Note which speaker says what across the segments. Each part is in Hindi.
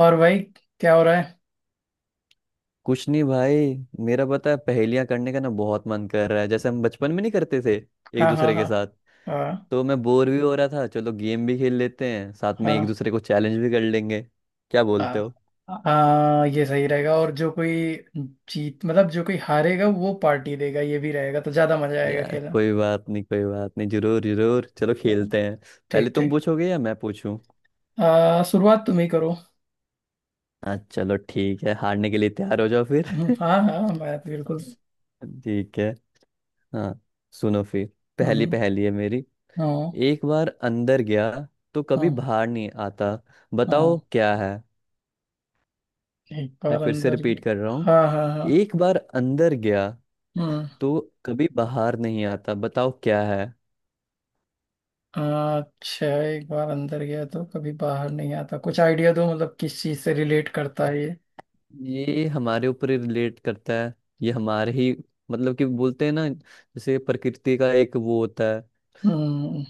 Speaker 1: और भाई, क्या हो रहा है।
Speaker 2: कुछ नहीं भाई। मेरा पता है पहेलियां करने का ना बहुत मन कर रहा है जैसे हम बचपन में नहीं करते थे एक
Speaker 1: हाँ, हाँ,
Speaker 2: दूसरे
Speaker 1: हाँ,
Speaker 2: के साथ।
Speaker 1: हाँ,
Speaker 2: तो मैं बोर भी हो रहा था, चलो गेम भी खेल लेते हैं साथ में, एक
Speaker 1: हाँ,
Speaker 2: दूसरे को चैलेंज भी कर लेंगे। क्या बोलते
Speaker 1: हाँ,
Speaker 2: हो?
Speaker 1: हाँ, ये सही रहेगा। और जो कोई जीत मतलब जो कोई हारेगा वो पार्टी देगा ये भी रहेगा तो ज्यादा मजा आएगा
Speaker 2: यार
Speaker 1: खेलना।
Speaker 2: कोई बात नहीं कोई बात नहीं, जरूर जरूर, चलो
Speaker 1: हाँ।
Speaker 2: खेलते हैं। पहले
Speaker 1: ठीक
Speaker 2: तुम
Speaker 1: ठीक।
Speaker 2: पूछोगे या मैं पूछूं?
Speaker 1: शुरुआत तुम ही करो।
Speaker 2: हाँ चलो ठीक है, हारने के लिए तैयार हो जाओ फिर।
Speaker 1: हम्म। हाँ हाँ, मैं तो बिल्कुल।
Speaker 2: ठीक है। हाँ। सुनो फिर। पहली
Speaker 1: हम्म।
Speaker 2: पहली है मेरी।
Speaker 1: हाँ
Speaker 2: एक बार अंदर गया तो कभी
Speaker 1: हाँ
Speaker 2: बाहर नहीं आता।
Speaker 1: हाँ।
Speaker 2: बताओ क्या है।
Speaker 1: एक
Speaker 2: मैं
Speaker 1: बार
Speaker 2: फिर से
Speaker 1: अंदर
Speaker 2: रिपीट
Speaker 1: गया।
Speaker 2: कर रहा हूँ।
Speaker 1: हाँ हाँ हाँ।
Speaker 2: एक बार अंदर गया
Speaker 1: हम्म।
Speaker 2: तो कभी बाहर नहीं आता। बताओ क्या है।
Speaker 1: अच्छा, एक बार अंदर गया तो कभी बाहर नहीं आता, कुछ आइडिया दो, मतलब किस चीज से रिलेट करता है ये।
Speaker 2: ये हमारे ऊपर रिलेट करता है। ये हमारे ही मतलब कि बोलते हैं ना जैसे प्रकृति का एक वो होता है,
Speaker 1: हम्म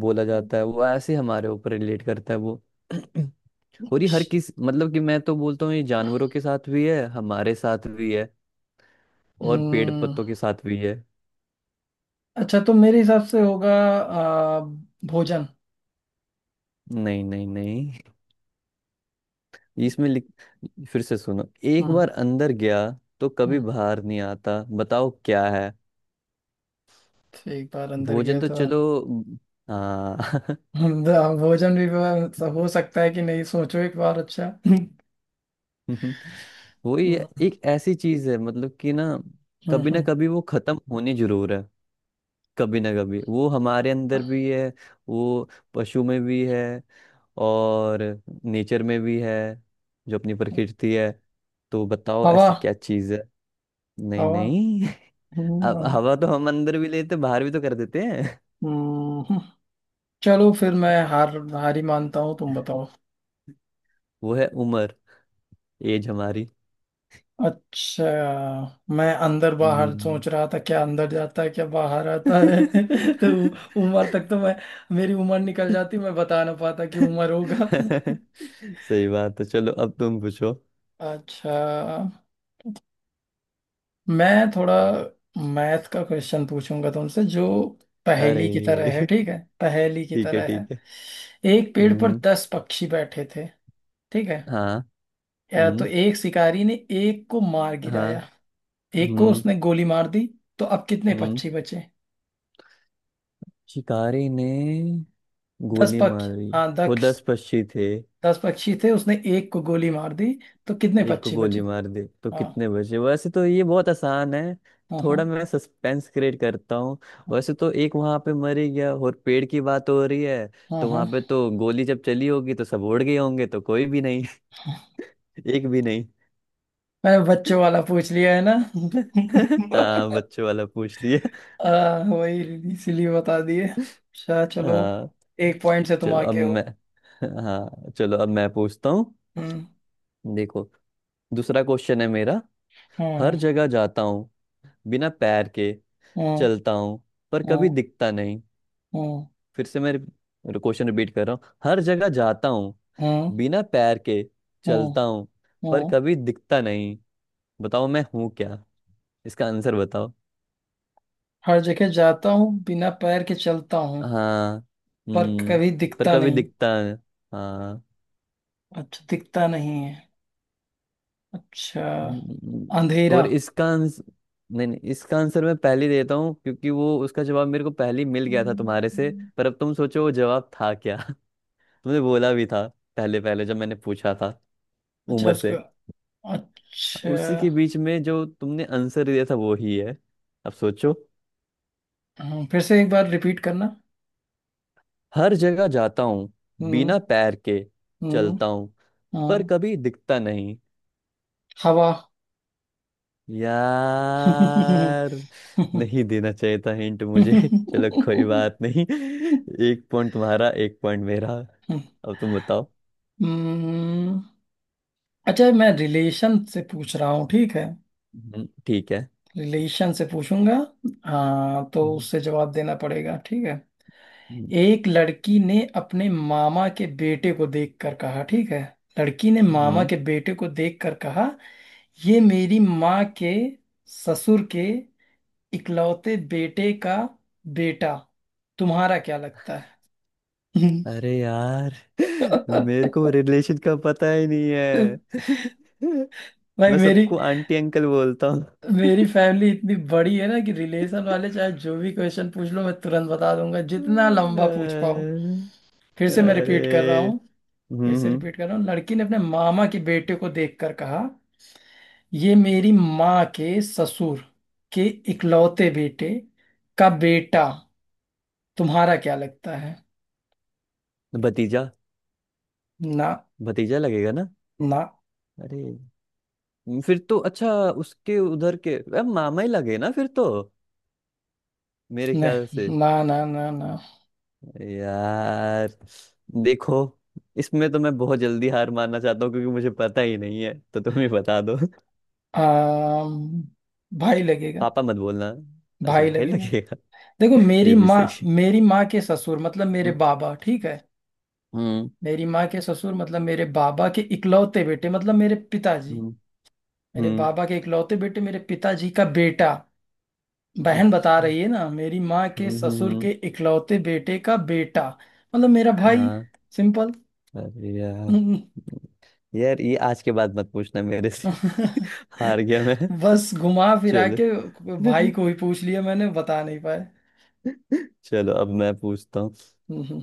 Speaker 2: बोला जाता है वो, ऐसे हमारे ऊपर रिलेट करता है वो। और ये हर किस मतलब कि मैं तो बोलता हूँ ये जानवरों के साथ भी है, हमारे साथ भी है और पेड़
Speaker 1: हम्म।
Speaker 2: पत्तों के साथ भी है।
Speaker 1: अच्छा तो मेरे हिसाब से होगा आ, भोजन।
Speaker 2: नहीं नहीं नहीं, इसमें लिख, फिर से सुनो। एक
Speaker 1: हम्म
Speaker 2: बार अंदर गया तो कभी
Speaker 1: हम्म।
Speaker 2: बाहर नहीं आता। बताओ क्या है।
Speaker 1: तो एक बार अंदर
Speaker 2: भोजन?
Speaker 1: गया
Speaker 2: तो
Speaker 1: तो।
Speaker 2: चलो। हाँ।
Speaker 1: हम्म। हाँ, भोजन भी हो सकता है कि नहीं, सोचो एक बार। अच्छा। हम्म।
Speaker 2: वही
Speaker 1: हम्म।
Speaker 2: है, एक ऐसी चीज है मतलब कि ना
Speaker 1: हम्म।
Speaker 2: कभी वो खत्म होनी जरूर है। कभी ना कभी वो हमारे अंदर भी है, वो पशु में भी है और नेचर में भी है, जो अपनी प्रकृति है। तो बताओ
Speaker 1: हवा।
Speaker 2: ऐसी क्या चीज है। नहीं
Speaker 1: हवा।
Speaker 2: नहीं।
Speaker 1: हम्म।
Speaker 2: अब
Speaker 1: हम्म।
Speaker 2: हवा तो हम अंदर भी लेते बाहर भी तो कर देते हैं।
Speaker 1: हम्म। चलो फिर मैं हारी मानता हूँ, तुम बताओ।
Speaker 2: वो है उम्र। एज हमारी।
Speaker 1: अच्छा, मैं अंदर बाहर
Speaker 2: हम्म।
Speaker 1: सोच रहा था, क्या अंदर जाता है क्या बाहर आता है। तो उम्र तक तो मैं, मेरी उम्र निकल जाती मैं बता ना पाता कि उम्र होगा।
Speaker 2: सही बात है, चलो अब तुम पूछो।
Speaker 1: अच्छा, मैं थोड़ा मैथ का क्वेश्चन पूछूंगा तुमसे, जो
Speaker 2: अरे।
Speaker 1: पहेली की तरह है, ठीक है, पहेली की
Speaker 2: ठीक है
Speaker 1: तरह है।
Speaker 2: ठीक है।
Speaker 1: एक पेड़ पर
Speaker 2: हम्म
Speaker 1: 10 पक्षी बैठे थे, ठीक है।
Speaker 2: हाँ।
Speaker 1: या तो
Speaker 2: हम्म
Speaker 1: एक शिकारी ने एक को मार
Speaker 2: हाँ।
Speaker 1: गिराया, एक को
Speaker 2: हम्म
Speaker 1: उसने गोली मार दी, तो अब कितने
Speaker 2: हम्म
Speaker 1: पक्षी बचे।
Speaker 2: शिकारी ने
Speaker 1: दस
Speaker 2: गोली
Speaker 1: पक्ष
Speaker 2: मारी।
Speaker 1: हाँ,
Speaker 2: वो
Speaker 1: 10।
Speaker 2: दस पक्षी थे।
Speaker 1: 10 पक्षी थे, उसने एक को गोली मार दी, तो कितने
Speaker 2: एक को
Speaker 1: पक्षी बचे।
Speaker 2: गोली मार दे तो
Speaker 1: हाँ,
Speaker 2: कितने बचे? वैसे तो ये बहुत आसान है।
Speaker 1: हाँ, हाँ,
Speaker 2: थोड़ा मैं सस्पेंस क्रिएट करता हूँ। वैसे तो एक वहां पे मर ही गया और पेड़ की बात हो रही है
Speaker 1: हाँ,
Speaker 2: तो
Speaker 1: हाँ,
Speaker 2: वहां पे
Speaker 1: हाँ।
Speaker 2: तो गोली जब चली होगी तो सब उड़ गए होंगे, तो कोई भी नहीं। एक भी नहीं।
Speaker 1: मैंने बच्चों वाला पूछ लिया है ना।
Speaker 2: हाँ बच्चों वाला पूछ लिया।
Speaker 1: वही इसीलिए बता दिए। अच्छा, चलो।
Speaker 2: हाँ
Speaker 1: एक पॉइंट से तुम
Speaker 2: चलो अब
Speaker 1: आगे हो।
Speaker 2: मैं हाँ चलो अब मैं पूछता हूँ।
Speaker 1: हम्म
Speaker 2: देखो, दूसरा क्वेश्चन है मेरा।
Speaker 1: हम्म
Speaker 2: हर जगह जाता हूँ, बिना पैर के
Speaker 1: हम्म
Speaker 2: चलता हूँ, पर कभी
Speaker 1: हम्म
Speaker 2: दिखता नहीं।
Speaker 1: हम्म
Speaker 2: फिर से मैं क्वेश्चन रिपीट कर रहा हूँ। हर जगह जाता हूँ,
Speaker 1: हम्म
Speaker 2: बिना पैर के
Speaker 1: हम्म
Speaker 2: चलता हूँ, पर
Speaker 1: हम्म।
Speaker 2: कभी दिखता नहीं। बताओ मैं हूँ क्या। इसका आंसर बताओ।
Speaker 1: हर जगह जाता हूँ बिना पैर के चलता हूँ
Speaker 2: हाँ।
Speaker 1: पर
Speaker 2: हम्म।
Speaker 1: कभी
Speaker 2: पर
Speaker 1: दिखता
Speaker 2: कभी
Speaker 1: नहीं।
Speaker 2: दिखता है। हाँ।
Speaker 1: अच्छा, दिखता नहीं है। अच्छा।
Speaker 2: हम्म।
Speaker 1: अंधेरा।
Speaker 2: और इसका आंसर, नहीं नहीं, इसका आंसर मैं पहले ही देता हूँ क्योंकि वो उसका जवाब मेरे को पहले ही मिल गया था तुम्हारे से।
Speaker 1: हम्म।
Speaker 2: पर अब तुम सोचो वो जवाब था क्या। तुमने बोला भी था, पहले पहले जब मैंने पूछा था,
Speaker 1: अच्छा,
Speaker 2: उमर
Speaker 1: उसका।
Speaker 2: से।
Speaker 1: अच्छा।
Speaker 2: उसी के बीच में जो तुमने आंसर दिया था वो ही है। अब सोचो।
Speaker 1: हम्म। फिर से एक बार रिपीट करना।
Speaker 2: हर जगह जाता हूँ,
Speaker 1: हम्म
Speaker 2: बिना पैर के
Speaker 1: हम्म।
Speaker 2: चलता हूँ, पर
Speaker 1: हम्म।
Speaker 2: कभी दिखता नहीं।
Speaker 1: हवा।
Speaker 2: यार नहीं देना चाहिए था हिंट मुझे। चलो कोई बात नहीं। एक पॉइंट तुम्हारा एक पॉइंट मेरा। अब तुम बताओ।
Speaker 1: हम्म। अच्छा, मैं रिलेशन से पूछ रहा हूँ, ठीक है,
Speaker 2: ठीक है।
Speaker 1: रिलेशन से पूछूंगा। हाँ, तो
Speaker 2: हम्म।
Speaker 1: उससे जवाब देना पड़ेगा, ठीक है।
Speaker 2: हम्म,
Speaker 1: एक लड़की ने अपने मामा के बेटे को देखकर कहा, ठीक है। लड़की ने मामा
Speaker 2: हम्म।
Speaker 1: के बेटे को देखकर कहा, ये मेरी माँ के ससुर के इकलौते बेटे का बेटा तुम्हारा क्या लगता है।
Speaker 2: अरे यार। मेरे को रिलेशन का पता ही नहीं है।
Speaker 1: भाई,
Speaker 2: मैं
Speaker 1: मेरी
Speaker 2: सबको आंटी अंकल बोलता।
Speaker 1: मेरी फैमिली इतनी बड़ी है ना कि रिलेशन वाले चाहे जो भी क्वेश्चन पूछ लो, मैं तुरंत बता दूंगा, जितना लंबा पूछ पाओ।
Speaker 2: अरे।
Speaker 1: फिर से मैं रिपीट कर रहा हूँ। फिर
Speaker 2: हम्म
Speaker 1: से
Speaker 2: हम्म,
Speaker 1: रिपीट कर रहा हूँ, लड़की ने अपने मामा के बेटे को देखकर कहा, ये मेरी माँ के ससुर के इकलौते बेटे का बेटा तुम्हारा क्या लगता है।
Speaker 2: भतीजा।
Speaker 1: ना,
Speaker 2: भतीजा लगेगा ना?
Speaker 1: ना,
Speaker 2: अरे फिर तो अच्छा, उसके उधर के अब मामा ही लगे ना फिर तो, मेरे ख्याल से।
Speaker 1: नहीं, ना, ना, ना, ना।
Speaker 2: यार देखो, इसमें तो मैं बहुत जल्दी हार मानना चाहता हूँ क्योंकि मुझे पता ही नहीं है तो तुम ही बता दो।
Speaker 1: आम, भाई लगेगा।
Speaker 2: पापा मत बोलना। अच्छा
Speaker 1: भाई
Speaker 2: भाई
Speaker 1: लगेगा।
Speaker 2: लगेगा।
Speaker 1: देखो,
Speaker 2: ये भी सही है।
Speaker 1: मेरी माँ के ससुर मतलब मेरे
Speaker 2: हम्म
Speaker 1: बाबा, ठीक है।
Speaker 2: हम्म
Speaker 1: मेरी माँ के ससुर मतलब मेरे बाबा के इकलौते बेटे मतलब मेरे पिताजी।
Speaker 2: हम्म
Speaker 1: मेरे
Speaker 2: हम्म,
Speaker 1: बाबा के इकलौते बेटे, मेरे पिताजी का बेटा, बहन बता
Speaker 2: अच्छा।
Speaker 1: रही है ना, मेरी माँ के
Speaker 2: हम्म हम्म
Speaker 1: ससुर
Speaker 2: हम्म,
Speaker 1: के इकलौते बेटे का बेटा मतलब मेरा भाई।
Speaker 2: हाँ।
Speaker 1: सिंपल।
Speaker 2: अरे यार, यार ये आज के बाद मत पूछना मेरे से। हार गया मैं।
Speaker 1: बस घुमा फिरा
Speaker 2: चलो।
Speaker 1: के भाई को ही पूछ लिया, मैंने बता नहीं पाए।
Speaker 2: चलो अब मैं पूछता हूँ।
Speaker 1: हम्म।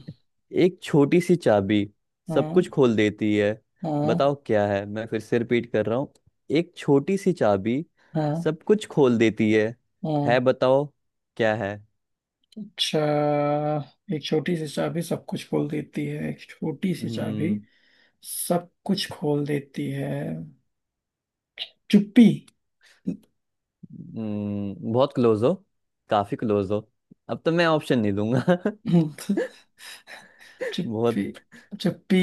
Speaker 2: एक छोटी सी चाबी सब कुछ
Speaker 1: हाँ,
Speaker 2: खोल देती है।
Speaker 1: हाँ,
Speaker 2: बताओ क्या है। मैं फिर से रिपीट कर रहा हूँ। एक छोटी सी चाबी
Speaker 1: हाँ,
Speaker 2: सब कुछ खोल देती है। है
Speaker 1: हाँ।
Speaker 2: बताओ क्या है।
Speaker 1: अच्छा, एक छोटी सी चाबी सब कुछ खोल देती है, एक छोटी सी चाबी
Speaker 2: हम्म
Speaker 1: सब कुछ खोल देती है। चुप्पी।
Speaker 2: बहुत क्लोज हो। काफी क्लोज हो। अब तो मैं ऑप्शन नहीं दूंगा।
Speaker 1: चुप्पी,
Speaker 2: बहुत।
Speaker 1: चुप्पी,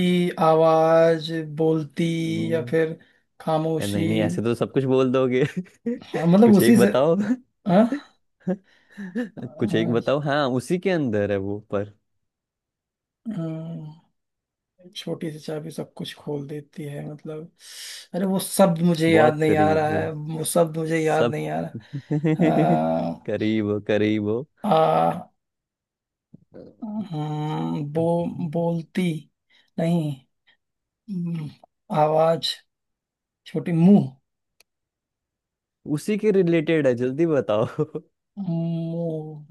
Speaker 1: आवाज, बोलती, या
Speaker 2: हम्म,
Speaker 1: फिर खामोशी।
Speaker 2: नहीं नहीं ऐसे तो सब कुछ बोल दोगे।
Speaker 1: हाँ मतलब
Speaker 2: कुछ
Speaker 1: उसी
Speaker 2: एक
Speaker 1: से।
Speaker 2: बताओ।
Speaker 1: हाँ,
Speaker 2: कुछ एक
Speaker 1: हाँ।
Speaker 2: बताओ, हाँ उसी के अंदर है वो पर।
Speaker 1: हम्म। छोटी सी चाबी सब कुछ खोल देती है मतलब अरे वो शब्द मुझे याद
Speaker 2: बहुत
Speaker 1: नहीं आ रहा
Speaker 2: करीब।
Speaker 1: है, वो शब्द मुझे याद
Speaker 2: सब।
Speaker 1: नहीं आ रहा। आ,
Speaker 2: करीब हो, करीब हो।
Speaker 1: आ हम्म। बो बोलती। नहीं। हम्म। आवाज, छोटी, मुंह,
Speaker 2: उसी के रिलेटेड है, जल्दी बताओ।
Speaker 1: मुंह,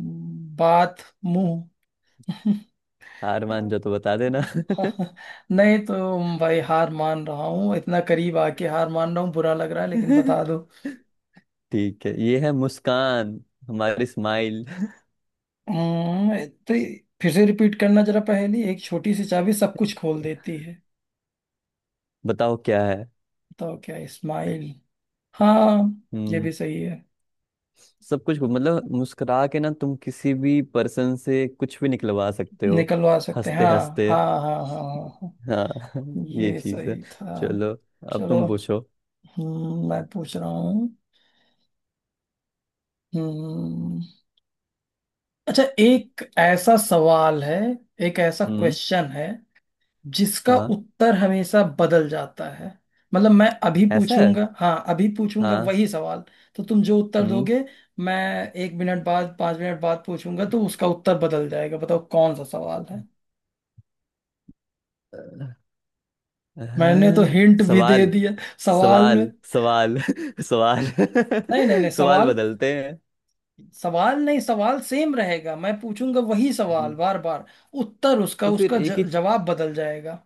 Speaker 1: बात, मुंह।
Speaker 2: हार मान जाओ तो बता देना।
Speaker 1: नहीं तो भाई हार मान रहा हूँ, इतना करीब आके हार मान रहा हूँ, बुरा लग रहा है लेकिन बता दो।
Speaker 2: ठीक है, ये है मुस्कान, हमारी स्माइल।
Speaker 1: हम्म। तो फिर से रिपीट करना जरा पहेली, एक छोटी सी चाबी सब कुछ खोल देती है,
Speaker 2: बताओ क्या है।
Speaker 1: बताओ क्या। स्माइल। हाँ, ये
Speaker 2: हम्म।
Speaker 1: भी सही है,
Speaker 2: सब कुछ मतलब मुस्कुरा के ना तुम किसी भी पर्सन से कुछ भी निकलवा सकते हो।
Speaker 1: निकलवा सकते हैं,
Speaker 2: हंसते
Speaker 1: हाँ,
Speaker 2: हंसते।
Speaker 1: हाँ, हाँ, हाँ, हाँ, हाँ,
Speaker 2: हाँ। ये
Speaker 1: ये
Speaker 2: चीज है।
Speaker 1: सही था।
Speaker 2: चलो अब
Speaker 1: चलो।
Speaker 2: तुम पूछो।
Speaker 1: हम्म। मैं पूछ रहा हूँ। हम्म। अच्छा, एक ऐसा सवाल है, एक ऐसा
Speaker 2: हम्म।
Speaker 1: क्वेश्चन है जिसका
Speaker 2: हाँ।
Speaker 1: उत्तर हमेशा बदल जाता है। मतलब मैं अभी
Speaker 2: ऐसा है?
Speaker 1: पूछूंगा, हाँ अभी पूछूंगा
Speaker 2: हाँ।
Speaker 1: वही सवाल, तो तुम जो उत्तर
Speaker 2: हम्म
Speaker 1: दोगे मैं 1 मिनट बाद, 5 मिनट बाद पूछूंगा तो उसका उत्तर बदल जाएगा, बताओ कौन सा सवाल है। मैंने तो
Speaker 2: हाँ,
Speaker 1: हिंट भी दे
Speaker 2: सवाल।
Speaker 1: दिया सवाल में।
Speaker 2: सवाल सवाल
Speaker 1: नहीं, नहीं, नहीं,
Speaker 2: सवाल
Speaker 1: सवाल,
Speaker 2: बदलते हैं।
Speaker 1: सवाल नहीं, सवाल सेम रहेगा, मैं पूछूंगा वही सवाल
Speaker 2: हम्म।
Speaker 1: बार बार। उत्तर उसका
Speaker 2: तो फिर
Speaker 1: उसका
Speaker 2: एक ही,
Speaker 1: जवाब बदल जाएगा।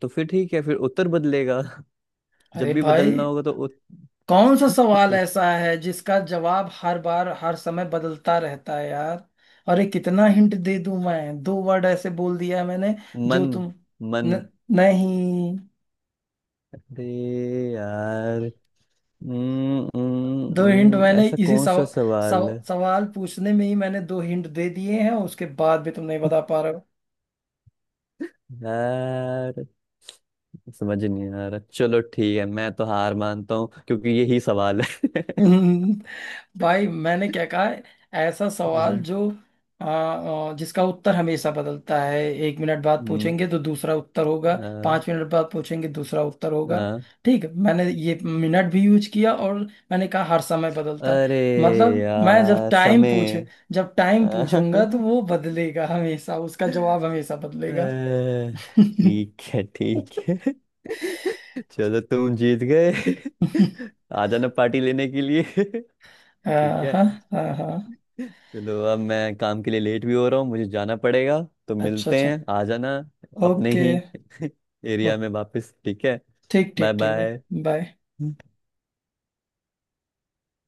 Speaker 2: तो फिर ठीक है, फिर उत्तर बदलेगा। जब
Speaker 1: अरे
Speaker 2: भी
Speaker 1: भाई,
Speaker 2: बदलना होगा तो उत,
Speaker 1: कौन सा सवाल
Speaker 2: उत,
Speaker 1: ऐसा है जिसका जवाब हर बार हर समय बदलता रहता है यार, अरे कितना हिंट दे दूं मैं, दो वर्ड ऐसे बोल दिया मैंने, जो
Speaker 2: मन।
Speaker 1: तुम
Speaker 2: मन।
Speaker 1: न, नहीं।
Speaker 2: अरे यार।
Speaker 1: दो हिंट मैंने
Speaker 2: ऐसा
Speaker 1: इसी
Speaker 2: कौन सा
Speaker 1: सव,
Speaker 2: सवाल
Speaker 1: सव,
Speaker 2: है?
Speaker 1: सवाल पूछने में ही मैंने दो हिंट दे दिए हैं, उसके बाद भी तुम नहीं बता पा रहे
Speaker 2: यार समझ नहीं आ रहा, चलो ठीक है मैं तो हार मानता हूँ क्योंकि यही सवाल है।
Speaker 1: हो। भाई मैंने क्या कहा है, ऐसा सवाल
Speaker 2: हम्म,
Speaker 1: जो आ, आ, जिसका उत्तर हमेशा बदलता है, 1 मिनट बाद
Speaker 2: हम्म,
Speaker 1: पूछेंगे तो दूसरा उत्तर होगा,
Speaker 2: हाँ।
Speaker 1: 5 मिनट बाद पूछेंगे दूसरा उत्तर होगा,
Speaker 2: हाँ।
Speaker 1: ठीक है। मैंने ये मिनट भी यूज किया और मैंने कहा हर समय बदलता है,
Speaker 2: अरे
Speaker 1: मतलब मैं जब
Speaker 2: यार
Speaker 1: टाइम पूछ
Speaker 2: समय।
Speaker 1: जब टाइम पूछूंगा तो
Speaker 2: अह,
Speaker 1: वो बदलेगा, हमेशा उसका जवाब हमेशा बदलेगा।
Speaker 2: ठीक है ठीक है। चलो तुम जीत गए। आ जाना पार्टी लेने के लिए। ठीक
Speaker 1: हाँ,
Speaker 2: है।
Speaker 1: हाँ, हाँ, हाँ।
Speaker 2: चलो अब मैं काम के लिए लेट भी हो रहा हूँ, मुझे जाना पड़ेगा। तो
Speaker 1: अच्छा,
Speaker 2: मिलते
Speaker 1: अच्छा,
Speaker 2: हैं, आ जाना अपने
Speaker 1: ओके।
Speaker 2: ही एरिया
Speaker 1: ओ-
Speaker 2: में वापस। ठीक है।
Speaker 1: ठीक
Speaker 2: बाय
Speaker 1: ठीक ठीक
Speaker 2: बाय।
Speaker 1: भाई, बाय।